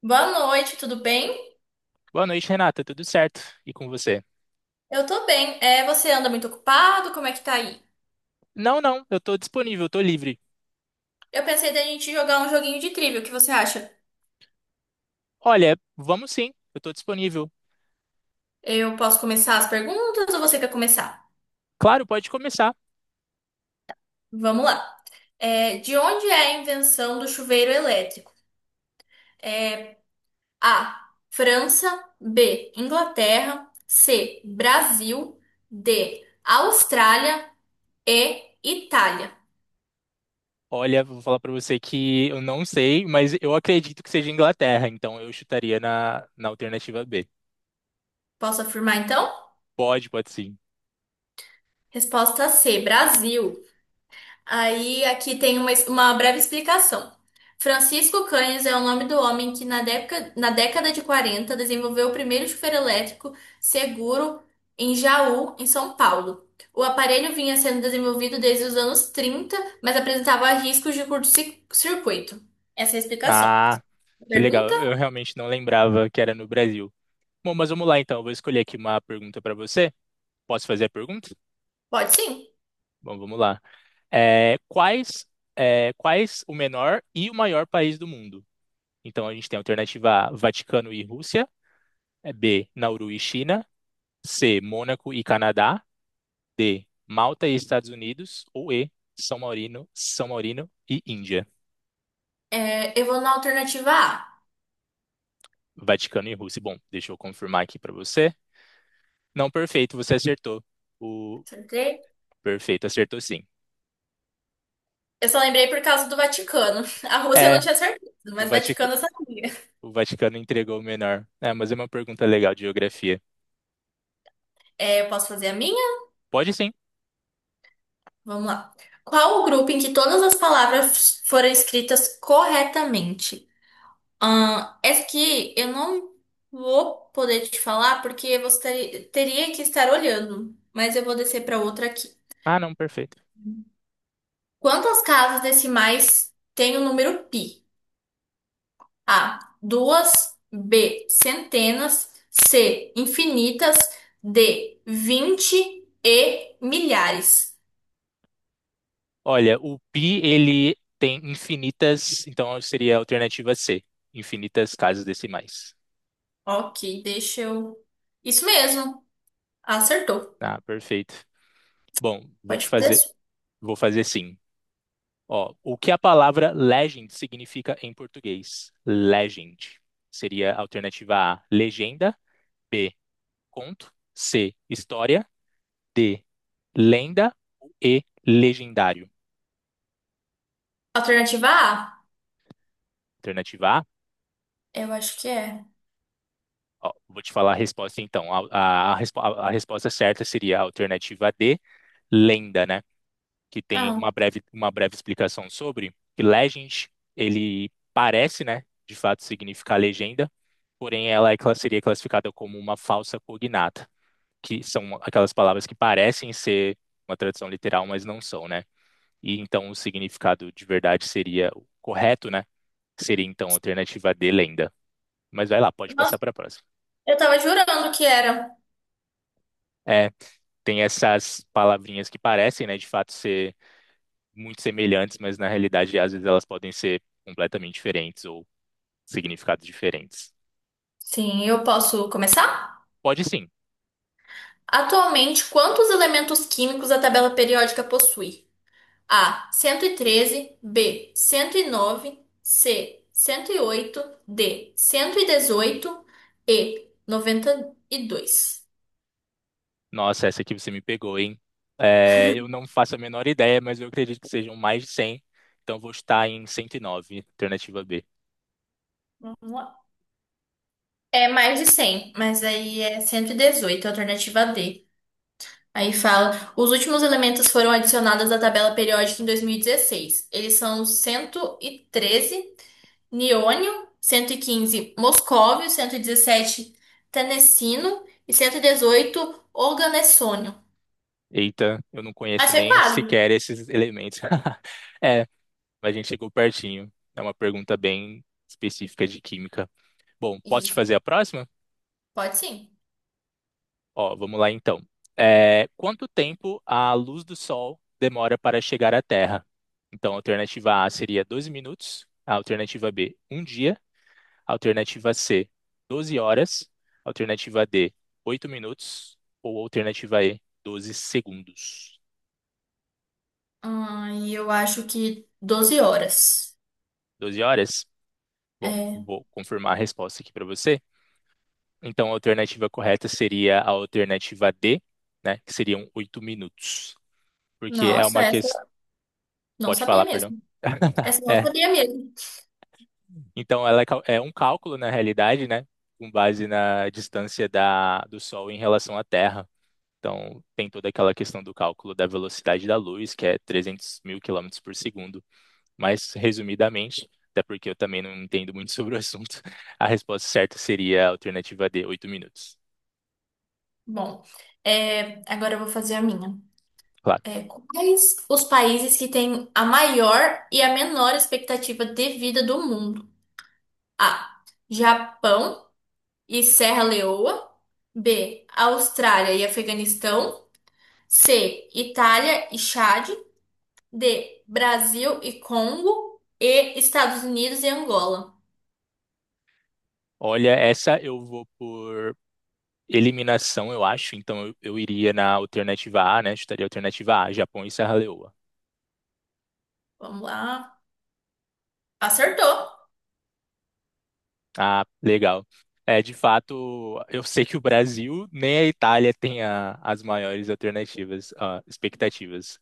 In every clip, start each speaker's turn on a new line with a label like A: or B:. A: Boa noite, tudo bem?
B: Boa noite, Renata. Tudo certo? E com você?
A: Eu tô bem. Você anda muito ocupado? Como é que tá aí?
B: Não, não, eu tô disponível, tô livre.
A: Eu pensei da gente jogar um joguinho de trivia. O que você acha?
B: Olha, vamos sim, eu tô disponível.
A: Eu posso começar as perguntas ou você quer começar?
B: Claro, pode começar.
A: Vamos lá. De onde é a invenção do chuveiro elétrico? É, A. França. B. Inglaterra. C. Brasil. D. Austrália. E. Itália.
B: Olha, vou falar pra você que eu não sei, mas eu acredito que seja Inglaterra, então eu chutaria na alternativa B.
A: Posso afirmar então?
B: Pode sim.
A: Resposta C. Brasil. Aí aqui tem uma breve explicação. Francisco Canhes é o nome do homem que na década de 40 desenvolveu o primeiro chuveiro elétrico seguro em Jaú, em São Paulo. O aparelho vinha sendo desenvolvido desde os anos 30, mas apresentava riscos de curto-circuito. Essa é a explicação.
B: Ah, que
A: Pergunta?
B: legal. Eu realmente não lembrava que era no Brasil. Bom, mas vamos lá então. Eu vou escolher aqui uma pergunta pra você. Posso fazer a pergunta?
A: Pode sim.
B: Bom, vamos lá. É, quais, quais o menor e o maior país do mundo? Então a gente tem a alternativa A, Vaticano e Rússia, B, Nauru e China, C, Mônaco e Canadá, D, Malta e Estados Unidos, ou E, São Maurino e Índia.
A: Eu vou na alternativa A.
B: Vaticano e Rússia. Bom, deixa eu confirmar aqui para você. Não, perfeito, você acertou. O
A: Acertei?
B: Perfeito, acertou sim.
A: Eu só lembrei por causa do Vaticano. A Rússia eu não
B: É,
A: tinha certeza,
B: o
A: mas Vaticano eu sabia.
B: Vaticano entregou o menor. É, mas é uma pergunta legal de geografia.
A: Eu posso fazer a minha?
B: Pode sim.
A: Vamos lá. Qual o grupo em que todas as palavras foram escritas corretamente? Ah, essa aqui eu não vou poder te falar porque você teria que estar olhando, mas eu vou descer para outra aqui.
B: Ah, não, perfeito.
A: Quantas casas decimais tem o número pi? A, duas, B, centenas, C, infinitas, D, vinte e milhares.
B: Olha, o pi ele tem infinitas, então seria a alternativa C, infinitas casas decimais.
A: Ok, deixa eu. Isso mesmo, acertou.
B: Ah, perfeito. Bom,
A: Pode fazer.
B: vou fazer sim. Ó, o que a palavra legend significa em português? Legend. Seria a alternativa A, legenda, B, conto, C, história, D, lenda e legendário.
A: Alternativa A?
B: Alternativa A.
A: Eu acho que é.
B: Ó, vou te falar a resposta então. A resposta certa seria a alternativa D, lenda, né? Que tem
A: Ah,
B: uma breve explicação sobre, que legend, ele parece, né, de fato significar legenda, porém ela é seria classificada como uma falsa cognata, que são aquelas palavras que parecem ser uma tradução literal, mas não são, né? E então o significado de verdade seria o correto, né? Seria então a alternativa de lenda. Mas vai lá, pode passar
A: nossa,
B: para a próxima.
A: eu tava jurando que era.
B: É, tem essas palavrinhas que parecem, né, de fato ser muito semelhantes, mas na realidade, às vezes, elas podem ser completamente diferentes ou significados diferentes.
A: Sim, eu posso começar?
B: Pode sim.
A: Atualmente, quantos elementos químicos a tabela periódica possui? A, 113, B, 109, C, 108, D, 118, E, 92.
B: Nossa, essa aqui você me pegou, hein? É, eu não faço a menor ideia, mas eu acredito que sejam mais de 100. Então vou estar em 109, alternativa B.
A: É mais de 100, mas aí é 118, alternativa D. Aí fala, os últimos elementos foram adicionados à tabela periódica em 2016. Eles são 113 niônio, 115 moscóvio, 117 tenecino e 17 tenessino e 118, organessônio.
B: Eita, eu não
A: Mas
B: conheço
A: foi
B: nem
A: quase.
B: sequer esses elementos. É, mas a gente chegou pertinho. É uma pergunta bem específica de química. Bom, posso te
A: Isso,
B: fazer a próxima?
A: pode sim.
B: Ó, vamos lá então. É, quanto tempo a luz do Sol demora para chegar à Terra? Então, a alternativa A seria 12 minutos, a alternativa B, um dia, a alternativa C, 12 horas, a alternativa D, 8 minutos, ou a alternativa E, 12 segundos.
A: Ah, e eu acho que 12 horas.
B: 12 horas? Bom,
A: É,
B: vou confirmar a resposta aqui para você. Então, a alternativa correta seria a alternativa D, né, que seriam 8 minutos, porque é
A: nossa,
B: uma
A: essa
B: questão.
A: eu não
B: Pode
A: sabia
B: falar, perdão.
A: mesmo. Essa eu não
B: É,
A: sabia mesmo.
B: então, ela é é um cálculo, na realidade, né? Com base na distância da, do Sol em relação à Terra. Então, tem toda aquela questão do cálculo da velocidade da luz, que é 300 mil quilômetros por segundo. Mas, resumidamente, até porque eu também não entendo muito sobre o assunto, a resposta certa seria a alternativa D, 8 minutos.
A: Bom, agora eu vou fazer a minha.
B: Claro.
A: É, quais os países que têm a maior e a menor expectativa de vida do mundo? A. Japão e Serra Leoa. B. Austrália e Afeganistão. C. Itália e Chade. D. Brasil e Congo. E Estados Unidos e Angola.
B: Olha, essa eu vou por eliminação, eu acho. Então, eu iria na alternativa A, né? Chutaria a alternativa A, Japão e Serra Leoa.
A: Vamos lá. Acertou.
B: Ah, legal. É, de fato, eu sei que o Brasil nem a Itália tem as maiores alternativas, ah, expectativas.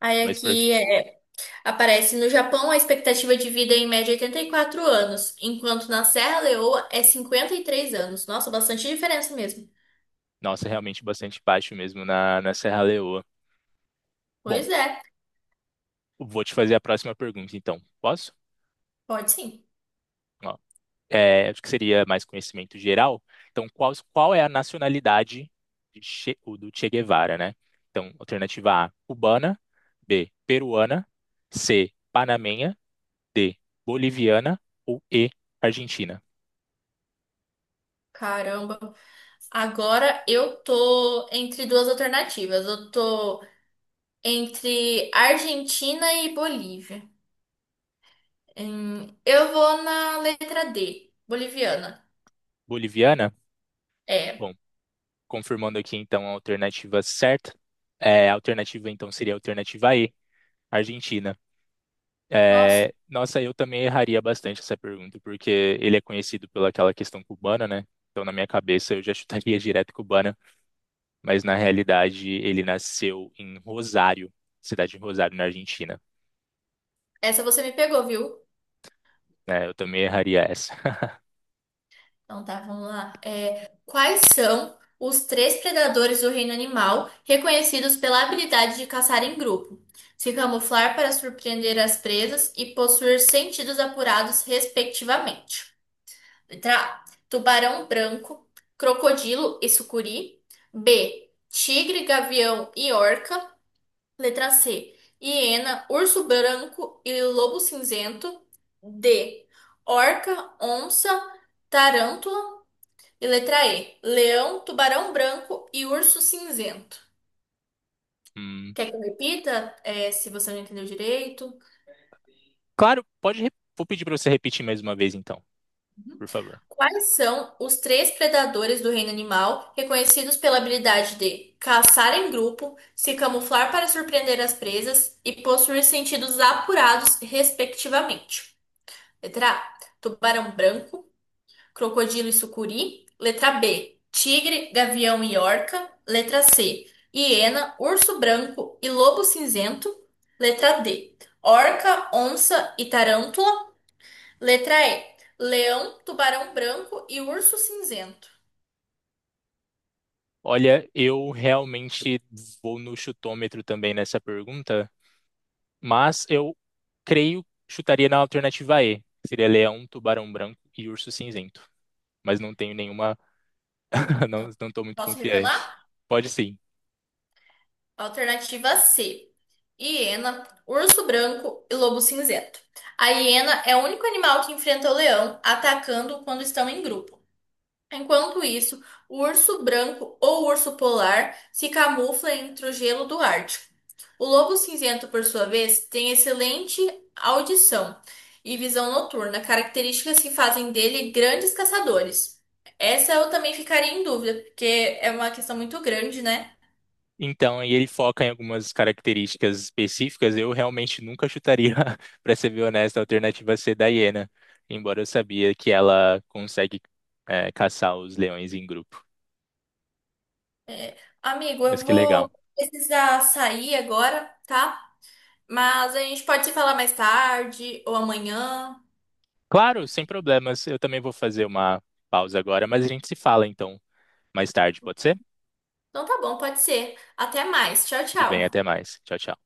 A: Aí
B: Mas,
A: aqui é. Aparece no Japão a expectativa de vida é em média 84 anos, enquanto na Serra Leoa é 53 anos. Nossa, bastante diferença mesmo.
B: nossa, é realmente bastante baixo mesmo na Serra Leoa. Bom,
A: Pois é,
B: vou te fazer a próxima pergunta, então. Posso?
A: pode sim.
B: Ó, é, acho que seria mais conhecimento geral. Então, qual é a nacionalidade o do Che Guevara, né? Então, alternativa A, cubana. B, peruana. C, panamenha. D. Boliviana ou E. Argentina?
A: Caramba. Agora eu tô entre duas alternativas. Eu tô entre Argentina e Bolívia. Eu vou na letra D, boliviana.
B: Boliviana?
A: É.
B: Bom, confirmando aqui então a alternativa certa. É, a alternativa então seria a alternativa E. Argentina.
A: Nossa,
B: É, nossa, eu também erraria bastante essa pergunta, porque ele é conhecido pelaquela questão cubana, né? Então, na minha cabeça, eu já chutaria direto cubana, mas na realidade ele nasceu em Rosário, cidade de Rosário, na Argentina.
A: essa você me pegou, viu?
B: Né? Eu também erraria essa.
A: Então tá, vamos lá. Quais são os três predadores do reino animal reconhecidos pela habilidade de caçar em grupo, se camuflar para surpreender as presas e possuir sentidos apurados, respectivamente? Letra A: tubarão branco, crocodilo e sucuri. B: tigre, gavião e orca. Letra C: hiena, urso branco e lobo cinzento. D: orca, onça. Tarântula e letra E: leão, tubarão branco e urso cinzento.
B: Hum,
A: Quer que eu repita, se você não entendeu direito?
B: claro, vou pedir para você repetir mais uma vez, então,
A: Uhum.
B: por favor.
A: Quais são os três predadores do reino animal reconhecidos pela habilidade de caçar em grupo, se camuflar para surpreender as presas e possuir sentidos apurados, respectivamente? Letra A: tubarão branco, crocodilo e sucuri. Letra B, tigre, gavião e orca. Letra C, hiena, urso branco e lobo cinzento. Letra D, orca, onça e tarântula. Letra E, leão, tubarão branco e urso cinzento.
B: Olha, eu realmente vou no chutômetro também nessa pergunta, mas eu creio chutaria na alternativa E, que seria leão, tubarão branco e urso cinzento. Mas não tenho nenhuma,
A: Então,
B: não estou muito
A: posso
B: confiante.
A: revelar?
B: Pode sim.
A: Alternativa C, hiena, urso branco e lobo cinzento. A hiena é o único animal que enfrenta o leão, atacando quando estão em grupo. Enquanto isso, o urso branco ou urso polar se camufla entre o gelo do Ártico. O lobo cinzento, por sua vez, tem excelente audição e visão noturna, características que fazem dele grandes caçadores. Essa eu também ficaria em dúvida, porque é uma questão muito grande, né?
B: Então, aí ele foca em algumas características específicas. Eu realmente nunca chutaria, para ser bem honesto, a alternativa C da hiena, embora eu sabia que ela consegue, caçar os leões em grupo.
A: Amigo,
B: Mas
A: eu
B: que legal.
A: vou precisar sair agora, tá? Mas a gente pode se falar mais tarde ou amanhã.
B: Claro, sem problemas. Eu também vou fazer uma pausa agora, mas a gente se fala então mais tarde, pode ser?
A: Então tá bom, pode ser. Até mais. Tchau,
B: Tudo bem, até
A: tchau.
B: mais. Tchau, tchau.